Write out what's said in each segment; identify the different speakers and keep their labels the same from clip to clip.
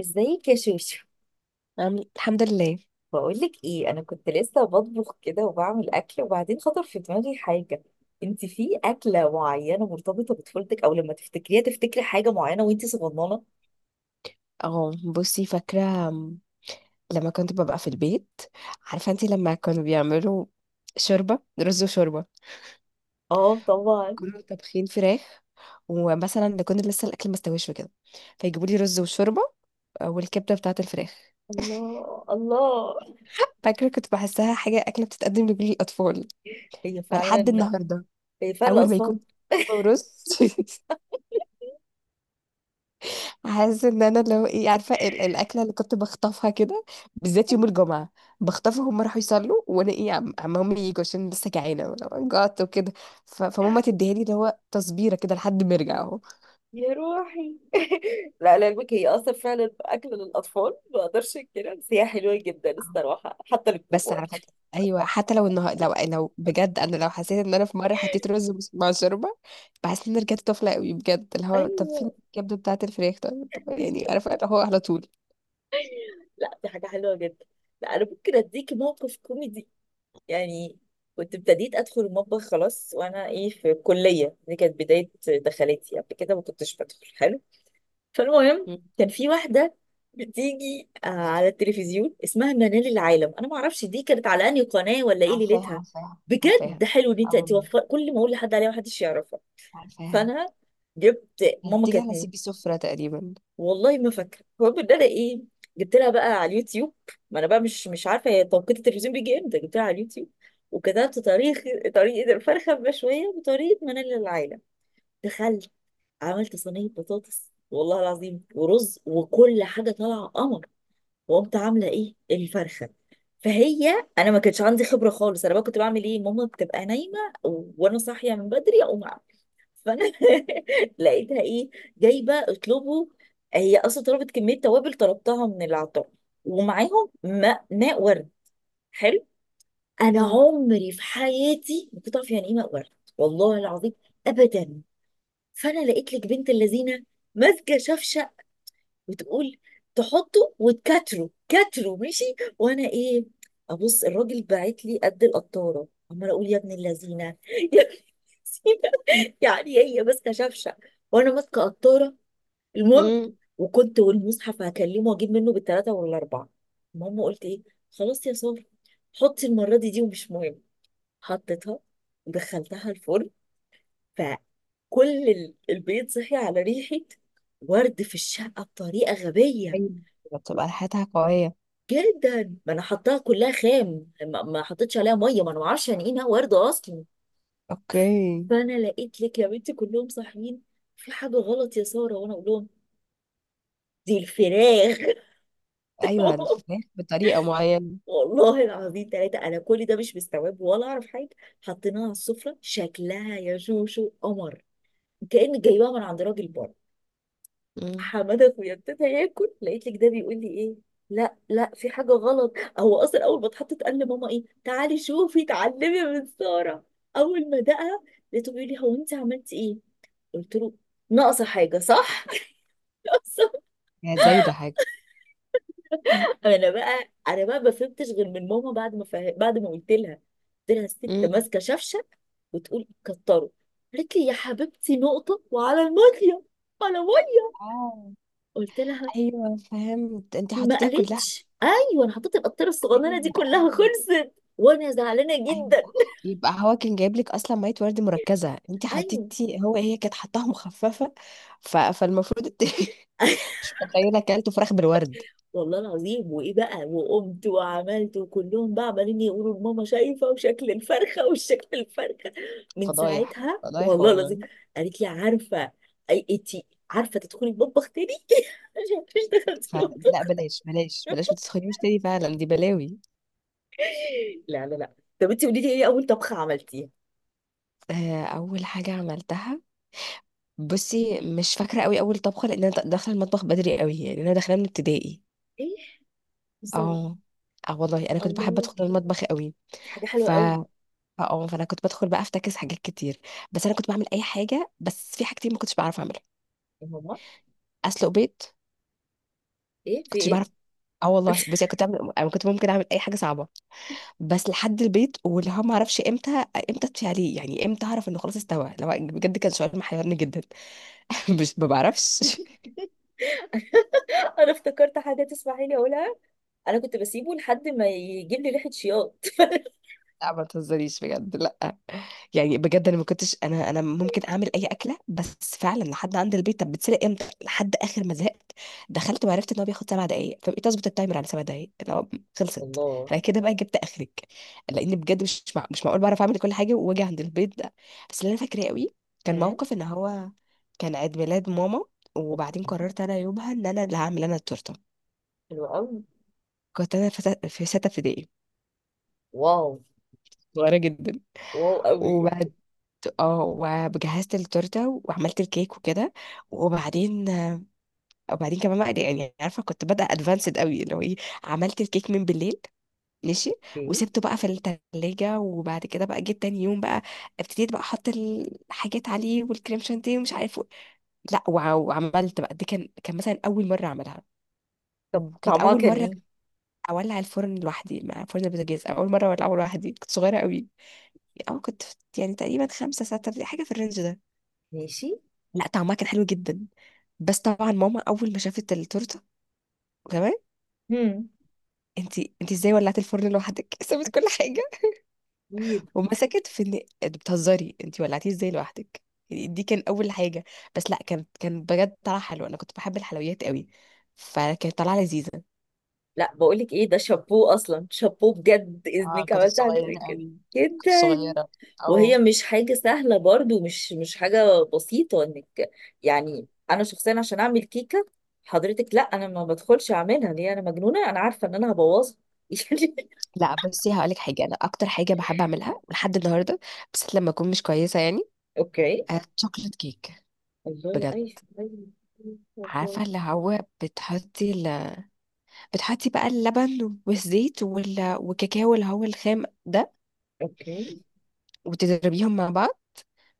Speaker 1: ازيك يا شوشو.
Speaker 2: الحمد لله.
Speaker 1: بقولك ايه، انا كنت لسه بطبخ كده وبعمل اكل، وبعدين خطر في دماغي حاجه. انت في اكله معينه مرتبطه بطفولتك، او لما تفتكريها تفتكري حاجه معينه وانت صغننه؟
Speaker 2: اه بصي، فاكرة لما كنت ببقى في البيت، عارفة انتي لما كانوا بيعملوا شوربة رز وشوربة،
Speaker 1: اه طبعا.
Speaker 2: كانوا طابخين فراخ، ومثلا نكون لسه الأكل مستويش وكده، فيجيبوا لي رز وشوربة، آه، والكبدة بتاعة الفراخ.
Speaker 1: الله الله.
Speaker 2: فاكرة كنت بحسها حاجة أكلة بتتقدم لكل الأطفال،
Speaker 1: هي
Speaker 2: فلحد
Speaker 1: فعلا.
Speaker 2: النهاردة
Speaker 1: هي فعلا
Speaker 2: أول ما
Speaker 1: الاطفال.
Speaker 2: يكون رز حاسه ان انا، لو ايه، عارفه الاكله اللي كنت بخطفها كده، بالذات يوم الجمعه، بخطفها هم راحوا يصلوا، وانا ايه، عم عم هم يجوا عشان لسه جعانه وأنا جعت وكده. فماما تديها لي، اللي هو تصبيره كده لحد ما ارجع اهو.
Speaker 1: يا روحي. لا لا، علمك هي اصلا فعلا اكل للاطفال، ما اقدرش كده، بس هي حلوه جدا
Speaker 2: آه.
Speaker 1: الصراحه حتى
Speaker 2: بس على
Speaker 1: للكبار.
Speaker 2: فكره، ايوه، حتى لو النهار، لو بجد، انا لو حسيت ان انا في مره حطيت رز مع شوربه، بحس ان أنا رجعت طفله قوي بجد، اللي هو طب
Speaker 1: ايوه.
Speaker 2: فين الكبده بتاعه الفراخ، طب، يعني عارفه، اللي هو على طول.
Speaker 1: لا دي حاجه حلوه جدا. لا انا ممكن اديكي موقف كوميدي، يعني كنت ابتديت ادخل المطبخ خلاص، وانا ايه في الكليه دي كانت بدايه دخلتي، قبل كده ما كنتش بدخل حلو. فالمهم،
Speaker 2: مم.
Speaker 1: كان في واحده بتيجي على التلفزيون اسمها منال العالم، انا ما اعرفش دي كانت على انهي قناه ولا ايه
Speaker 2: عارفاها،
Speaker 1: ليلتها.
Speaker 2: عارفاها، عارفاها.
Speaker 1: بجد حلو ان انت
Speaker 2: اه والله،
Speaker 1: توفر، كل ما اقول لحد عليها محدش يعرفها.
Speaker 2: عارفاها.
Speaker 1: فانا جبت ماما
Speaker 2: هتيجي
Speaker 1: كانت،
Speaker 2: على سيبي سفرة تقريبا.
Speaker 1: والله ما فاكره. المهم ان انا ايه، جبت لها بقى على اليوتيوب، ما انا بقى مش عارفه هي توقيت التلفزيون بيجي امتى، جبت لها على اليوتيوب وكتبت طريقه الفرخه المشويه بطريقه منال العايله. دخلت عملت صينيه بطاطس، والله العظيم، ورز وكل حاجه طالعه قمر. وقمت عامله ايه الفرخه. فهي انا ما كانش عندي خبره خالص، انا بقى كنت بعمل ايه، ماما بتبقى نايمه وانا صاحيه من بدري اقوم أعمل. فانا لقيتها ايه، جايبه اطلبه. هي اصلا طلبت كميه توابل طلبتها من العطار، ومعاهم ماء ورد. حلو. انا
Speaker 2: مم.
Speaker 1: عمري في حياتي ما كنت اعرف يعني ايه ماء ورد، والله العظيم، ابدا. فانا لقيت لك بنت اللذينه ماسكه شفشه، بتقول تحطه وتكتره كتره، ماشي. وانا ايه، ابص الراجل باعت لي قد القطاره، عماله اقول يا ابن اللذينه يا ابن اللذينه يعني هي ماسكه شفشه وانا ماسكه قطاره. المهم،
Speaker 2: مم.
Speaker 1: وكنت والمصحف هكلمه واجيب منه بالثلاثه والاربعه. المهم قلت ايه، خلاص يا ساره حطي المره دي ومش مهم. حطيتها ودخلتها الفرن. فكل البيت صحي على ريحه، ورد في الشقه بطريقه غبيه
Speaker 2: أيوة، بتبقى ريحتها قوية.
Speaker 1: جدا. ما انا حطاها كلها خام، ما حطيتش عليها ميه، ما انا ما اعرفش يعني ايه انها ورده اصلا.
Speaker 2: اوكي.
Speaker 1: فانا لقيت لك يا بنتي كلهم صاحيين، في حاجه غلط يا ساره، وانا اقول لهم دي الفراخ.
Speaker 2: ايوه، الفراخ بطريقة معينة.
Speaker 1: والله العظيم ثلاثة، أنا كل ده مش مستوعب ولا أعرف حاجة. حطيناها على السفرة، شكلها يا شوشو قمر، كأن جايباها من عند راجل بره.
Speaker 2: مم.
Speaker 1: حماده اخويا ابتدى ياكل، لقيت لك ده بيقول لي ايه، لا لا في حاجه غلط. هو اصلا اول ما اتحطت قال لماما ايه، تعالي شوفي اتعلمي من ساره. اول ما دقها، لقيته بيقول لي، هو انت عملتي ايه؟ قلت له ناقصه حاجه صح؟ ناقصه.
Speaker 2: هي زايدة حاجة؟
Speaker 1: انا بقى ما فهمتش غير من ماما، بعد ما بعد ما قلت لها. قلت لها الست
Speaker 2: مم.
Speaker 1: ماسكه شفشه وتقول كتره، قالت لي يا حبيبتي نقطه وعلى الميه، على ميه.
Speaker 2: اه.
Speaker 1: قلت لها
Speaker 2: ايوه، فهمت، انت
Speaker 1: ما
Speaker 2: حطيتيها كلها.
Speaker 1: قالتش ايوه، انا حطيت القطاره الصغننه دي
Speaker 2: ايوه.
Speaker 1: كلها
Speaker 2: ايوه،
Speaker 1: خلصت. وانا زعلانه
Speaker 2: ايوه،
Speaker 1: جدا.
Speaker 2: صح. يبقى هو كان جايب لك اصلا ميه ورد مركزه، انت
Speaker 1: ايوه
Speaker 2: حطيتي، هو هي كانت حطاها مخففه. فالمفروض مش متخيله اكلته فراخ بالورد.
Speaker 1: والله العظيم. وايه بقى، وقمت وعملت، وكلهم بقى عمالين يقولوا لماما، شايفه وشكل الفرخه وشكل الفرخه. من
Speaker 2: فضايح،
Speaker 1: ساعتها
Speaker 2: فضايح
Speaker 1: والله العظيم،
Speaker 2: والله.
Speaker 1: قالت لي عارفه اي انتي، عارفه تدخلي المطبخ تاني؟ عشان مش دخلتي
Speaker 2: فعلا لا،
Speaker 1: المطبخ.
Speaker 2: بلاش بلاش بلاش، ما تسخنيش تاني، فعلا دي بلاوي.
Speaker 1: لا لا لا. طب انتي قولي لي ايه اول طبخه عملتيها؟
Speaker 2: آه، اول حاجه عملتها، بصي مش فاكره قوي اول طبخه، لان انا داخله المطبخ بدري قوي، يعني انا داخله من ابتدائي.
Speaker 1: ايه؟ سوري.
Speaker 2: اه. اه والله، انا كنت بحب
Speaker 1: الله،
Speaker 2: ادخل المطبخ قوي.
Speaker 1: دي حاجه
Speaker 2: ف
Speaker 1: حلوه قوي.
Speaker 2: اه آه، فانا كنت بدخل بقى افتكس حاجات كتير، بس انا كنت بعمل اي حاجه، بس في حاجتين ما كنتش بعرف اعملها.
Speaker 1: يا ماما
Speaker 2: اسلق بيض
Speaker 1: ايه في
Speaker 2: كنتش
Speaker 1: ايه؟
Speaker 2: بعرف. اه والله، بصي أنا كنت بعمل، انا كنت ممكن اعمل اي حاجه صعبه، بس لحد البيت، واللي هو ما اعرفش امتى، امتى اطفي عليه، يعني امتى اعرف انه خلاص استوى، لو بجد كان شعور محيرني جدا مش، ما بعرفش.
Speaker 1: انا افتكرت حاجه تسمحي لي اقولها، انا كنت بسيبه لحد ما يجيب لي ريحه شياط.
Speaker 2: لا ما تهزريش بجد، لا. يعني بجد انا ما كنتش، انا ممكن اعمل اي اكله، بس فعلا لحد عند البيت، طب بتسرق امتى، لحد اخر ما زهقت، دخلت وعرفت ان هو بياخد سبع دقائق، فبقيت اظبط التايمر على سبع دقائق اللي هو خلصت.
Speaker 1: الله.
Speaker 2: انا كده بقى جبت اخرك، لان بجد مش معقول بعرف اعمل كل حاجه واجي عند البيت ده. بس اللي انا فاكراه قوي، كان
Speaker 1: مم.
Speaker 2: موقف ان هو كان عيد ميلاد ماما،
Speaker 1: أوكي.
Speaker 2: وبعدين قررت انا يومها ان انا اللي هعمل انا التورته.
Speaker 1: حلو قوي.
Speaker 2: كنت انا في ستة ابتدائي.
Speaker 1: واو.
Speaker 2: صغيره
Speaker 1: واو قوي.
Speaker 2: جدا. اه. وجهزت التورته وعملت الكيك وكده. وبعدين وبعدين كمان بقى، يعني عارفه كنت بادئه ادفانسد قوي، اللي هو ايه، عملت الكيك من بالليل. ماشي.
Speaker 1: اوكي.
Speaker 2: وسبته بقى في التلاجة، وبعد كده بقى جيت تاني يوم بقى، ابتديت بقى احط الحاجات عليه والكريم شانتيه ومش عارف و... لا، وعملت بقى دي، كان مثلا اول مره اعملها.
Speaker 1: طب
Speaker 2: وكانت
Speaker 1: طعمها
Speaker 2: اول
Speaker 1: كان
Speaker 2: مره
Speaker 1: ايه؟
Speaker 2: اولع الفرن لوحدي، مع فرن البوتاجاز اول مره اولعه لوحدي، كنت صغيره قوي، اه كنت، يعني تقريبا خمسة ستة، حاجه في الرينج ده.
Speaker 1: ماشي.
Speaker 2: لا طعمها كان حلو جدا. بس طبعا ماما اول ما شافت التورته، تمام.
Speaker 1: هم.
Speaker 2: انت ازاي ولعتي الفرن لوحدك؟ سابت كل حاجه،
Speaker 1: اكيد.
Speaker 2: ومسكت في ان انت بتهزري، انت ولعتيه ازاي لوحدك. يعني دي كان اول حاجه. بس لا، كان بجد طلع حلو. انا كنت بحب الحلويات قوي، فكانت طالعه لذيذه.
Speaker 1: لا بقول لك ايه، ده شابوه اصلا، شابوه بجد،
Speaker 2: اه
Speaker 1: اذنك
Speaker 2: كنت
Speaker 1: عملت حاجه زي
Speaker 2: صغيرة
Speaker 1: كده.
Speaker 2: أوي. كنت
Speaker 1: جدا.
Speaker 2: صغيرة. اه.
Speaker 1: وهي مش حاجة سهلة برضو، مش حاجة بسيطة انك، يعني انا شخصيا عشان اعمل كيكة، حضرتك لا انا ما بدخلش اعملها، ليه؟ انا مجنونة؟ انا عارفة ان انا هبوظها. يعني.
Speaker 2: لا، بصي هقولك حاجه، انا اكتر حاجه بحب اعملها لحد النهارده، بس لما اكون مش كويسه يعني،
Speaker 1: اوكي.
Speaker 2: آه، شوكليت كيك.
Speaker 1: الله
Speaker 2: بجد.
Speaker 1: ايوه. ايوه.
Speaker 2: عارفه
Speaker 1: الله.
Speaker 2: اللي هو بتحطي، بقى اللبن والزيت وال... والكاكاو اللي هو الخام ده،
Speaker 1: اوكي.
Speaker 2: وتضربيهم مع بعض.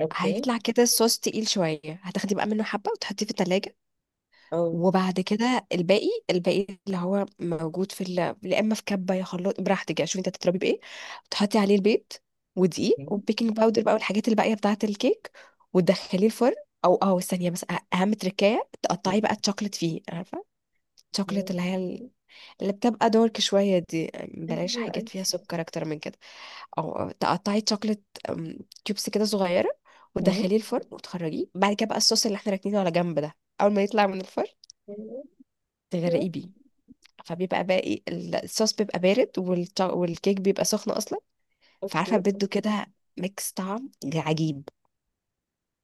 Speaker 1: اوكي.
Speaker 2: هيطلع كده الصوص تقيل شوية، هتاخدي بقى منه حبة وتحطيه في التلاجة.
Speaker 1: اه.
Speaker 2: وبعد كده الباقي، اللي هو موجود في يا اما في كبة، يا خلاط، براحتك يعني، شوفي انت هتضربي بايه. تحطي عليه البيض ودقيق
Speaker 1: اوكي.
Speaker 2: وبيكنج باودر بقى، والحاجات الباقية بتاعة الكيك، وتدخليه الفرن. او اه، ثانية بس، اهم تركاية، تقطعي بقى الشوكليت فيه، عارفة الشوكليت اللي هي، اللي بتبقى دارك شوية دي، بلاش
Speaker 1: ايوه.
Speaker 2: حاجات فيها
Speaker 1: ايوه.
Speaker 2: سكر أكتر من كده. أو تقطعي شوكليت، أم، تيوبس كده صغيرة،
Speaker 1: أمم.
Speaker 2: وتدخليه الفرن، وتخرجيه بعد كده. بقى الصوص اللي احنا راكنينه على جنب ده، أول ما يطلع من الفرن تغرقيه
Speaker 1: أيوه.
Speaker 2: بيه، فبيبقى باقي الصوص بيبقى بارد، والكيك بيبقى سخن أصلا، فعارفة
Speaker 1: اوكي.
Speaker 2: بده كده ميكس طعم عجيب.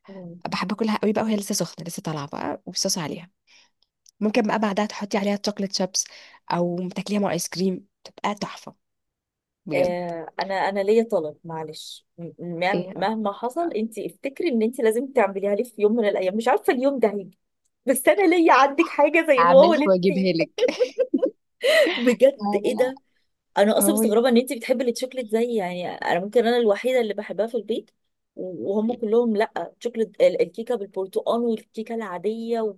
Speaker 1: آه.
Speaker 2: بحب أكلها قوي بقى وهي لسه سخنة لسه طالعة بقى والصوص عليها. ممكن بقى بعدها تحطي عليها شوكليت شيبس، أو تاكليها مع آيس كريم تبقى تحفة. بجد.
Speaker 1: انا انا ليا طلب، معلش
Speaker 2: ايه،
Speaker 1: مهما حصل انت افتكري ان انت لازم تعمليها لي في يوم من الايام، مش عارفه اليوم ده هيجي، بس انا ليا عندك حاجه زي الواو
Speaker 2: هعملها
Speaker 1: اللي انت
Speaker 2: واجيبها لك.
Speaker 1: بجد
Speaker 2: هذا
Speaker 1: ايه
Speaker 2: لا.
Speaker 1: ده. انا اصلا
Speaker 2: هو
Speaker 1: مستغربه
Speaker 2: يعني،
Speaker 1: ان انت بتحبي التشوكلت، زي يعني انا ممكن انا الوحيده اللي بحبها في البيت، وهم كلهم لا تشوكلت، الكيكه بالبرتقال والكيكه العاديه و...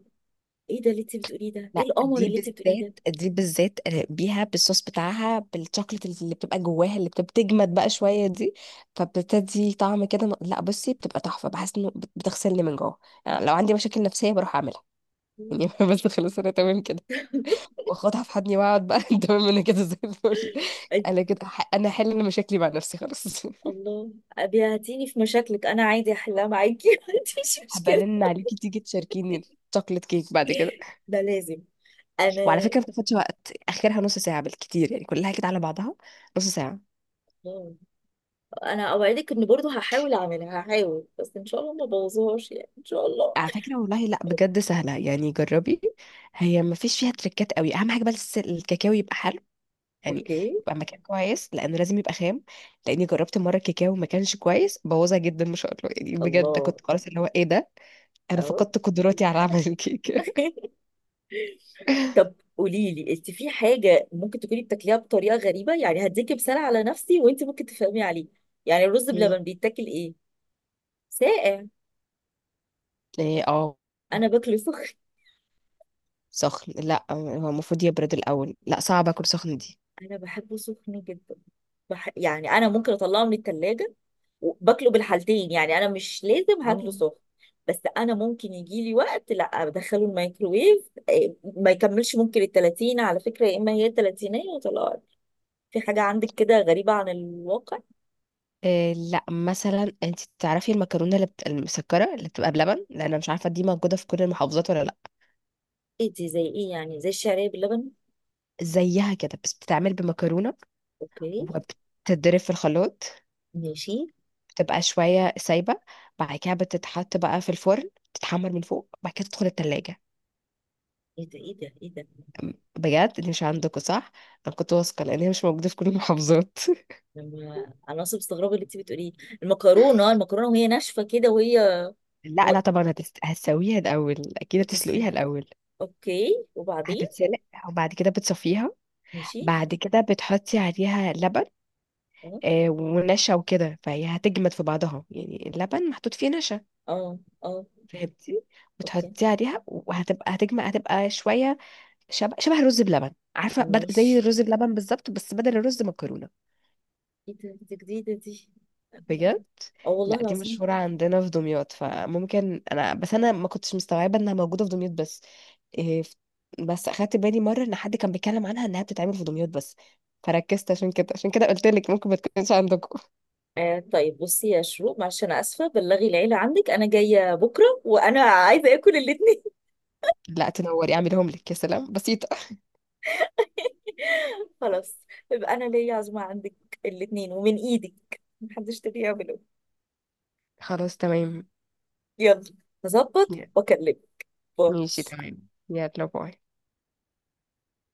Speaker 1: ايه ده اللي انت بتقوليه ده، ايه
Speaker 2: لا
Speaker 1: القمر
Speaker 2: دي
Speaker 1: اللي انت بتقوليه
Speaker 2: بالذات،
Speaker 1: ده؟
Speaker 2: دي بالذات بيها بالصوص بتاعها، بالشوكليت اللي بتبقى جواها اللي بتجمد بقى شويه دي، فبتدي طعم كده، لا بصي بتبقى تحفه، بحس انه بتغسلني من جوه. يعني لو عندي مشاكل نفسيه بروح اعملها يعني بس خلاص، انا تمام كده، واخدها في حضني واقعد بقى تمام، انا كده زي الفل. انا كده، انا هحل مشاكلي مع نفسي خلاص
Speaker 1: الله. أبي هتيجي في مشاكلك انا عادي احلها معاكي، ما عنديش مشكله.
Speaker 2: هبرن عليكي تيجي تشاركيني الشوكليت كيك بعد كده.
Speaker 1: ده لازم.
Speaker 2: وعلى
Speaker 1: انا.
Speaker 2: فكره ما بتاخدش وقت، اخرها نص ساعه بالكتير، يعني كلها كده على بعضها نص ساعه.
Speaker 1: الله. انا اوعدك ان برضو هحاول اعملها، هحاول بس ان شاء الله ما بوظهاش يعني، ان شاء الله.
Speaker 2: على فكره والله، لا، بجد سهله، يعني جربي. هي ما فيش فيها تريكات قوي، اهم حاجه بس الكاكاو يبقى حلو، يعني
Speaker 1: اوكي.
Speaker 2: يبقى مكان كويس، لانه لازم يبقى خام. لاني جربت مره الكاكاو ما كانش كويس، بوظها جدا ما شاء الله، يعني بجد
Speaker 1: الله.
Speaker 2: كنت خلاص، اللي هو ايه ده، انا
Speaker 1: اهو.
Speaker 2: فقدت قدراتي على عمل الكيكه.
Speaker 1: طب قولي لي، انت في حاجه ممكن تكوني بتاكليها بطريقه غريبه؟ يعني هديكي مثال على نفسي، وانت ممكن تفهمي عليه. يعني الرز بلبن
Speaker 2: مم.
Speaker 1: بيتاكل ايه، ساقع؟
Speaker 2: ايه اه.
Speaker 1: انا باكله سخن.
Speaker 2: سخن؟ لا هو المفروض يبرد الاول، لا صعب اكل سخن دي.
Speaker 1: انا بحبه سخن جدا. يعني انا ممكن اطلعه من التلاجة باكله بالحالتين، يعني انا مش لازم هاكله
Speaker 2: اه.
Speaker 1: سخن، بس انا ممكن يجي لي وقت لا بدخله الميكروويف ما يكملش ممكن ال 30، على فكره، يا اما هي 30 وطلعت. في حاجه عندك كده غريبه عن الواقع؟
Speaker 2: آه لا، مثلا انت تعرفي المكرونه اللي بت...، المسكره اللي بتبقى بلبن، لان انا مش عارفه دي موجوده في كل المحافظات ولا لا.
Speaker 1: ايه دي، زي ايه؟ يعني زي الشعريه باللبن؟
Speaker 2: زيها كده بس بتتعمل بمكرونه،
Speaker 1: اوكي.
Speaker 2: وبتتضرب في الخلاط،
Speaker 1: ماشي.
Speaker 2: بتبقى شويه سايبه، بعد كده بتتحط بقى في الفرن تتحمر من فوق، بعد كده تدخل التلاجة.
Speaker 1: ايه ده ايه ده ايه ده.
Speaker 2: بجد دي مش عندكم؟ صح، انا كنت واثقه لان هي مش موجوده في كل المحافظات
Speaker 1: لما انا اصلا مستغربه اللي انت بتقوليه. المكرونه، المكرونه وهي ناشفه كده وهي
Speaker 2: لا
Speaker 1: و...
Speaker 2: لا طبعا، هتسويها الاول، اكيد هتسلقيها
Speaker 1: هتسلف.
Speaker 2: الاول،
Speaker 1: اوكي وبعدين؟
Speaker 2: هتتسلق، وبعد كده بتصفيها،
Speaker 1: ماشي.
Speaker 2: بعد كده بتحطي عليها لبن،
Speaker 1: اه.
Speaker 2: آه، ونشا وكده، فهي هتجمد في بعضها يعني، اللبن محطوط فيه نشا،
Speaker 1: اه. اه.
Speaker 2: فهمتي،
Speaker 1: اوكي.
Speaker 2: بتحطيه عليها وهتبقى، هتجمد، هتبقى شويه شبه شبه الرز بلبن، عارفه، زي
Speaker 1: ماشي.
Speaker 2: الرز بلبن بالظبط، بس بدل الرز مكرونه.
Speaker 1: ايه ده، دي جديدة دي.
Speaker 2: بجد.
Speaker 1: اه والله
Speaker 2: لا دي
Speaker 1: العظيم.
Speaker 2: مشهوره عندنا في دمياط، فممكن انا، بس ما كنتش مستوعبه انها موجوده في دمياط بس، إيه، بس اخدت بالي مره ان حد كان بيتكلم عنها انها بتتعمل في دمياط بس، فركزت عشان كده، قلت لك ممكن ما تكونش عندكم.
Speaker 1: آه طيب، بصي يا شروق معلش، انا اسفة بلغي العيلة عندك، انا جاية بكرة وانا عايزة اكل الاتنين.
Speaker 2: لا، تنوري، اعملهم لك، يا سلام، بسيطه.
Speaker 1: خلاص. يبقى انا ليا عزومة عندك، الاتنين ومن ايدك محدش تاني يعمله.
Speaker 2: خلاص تمام.
Speaker 1: يلا هظبط
Speaker 2: يا-
Speaker 1: واكلمك. باي.
Speaker 2: ماشي تمام، يلا باي.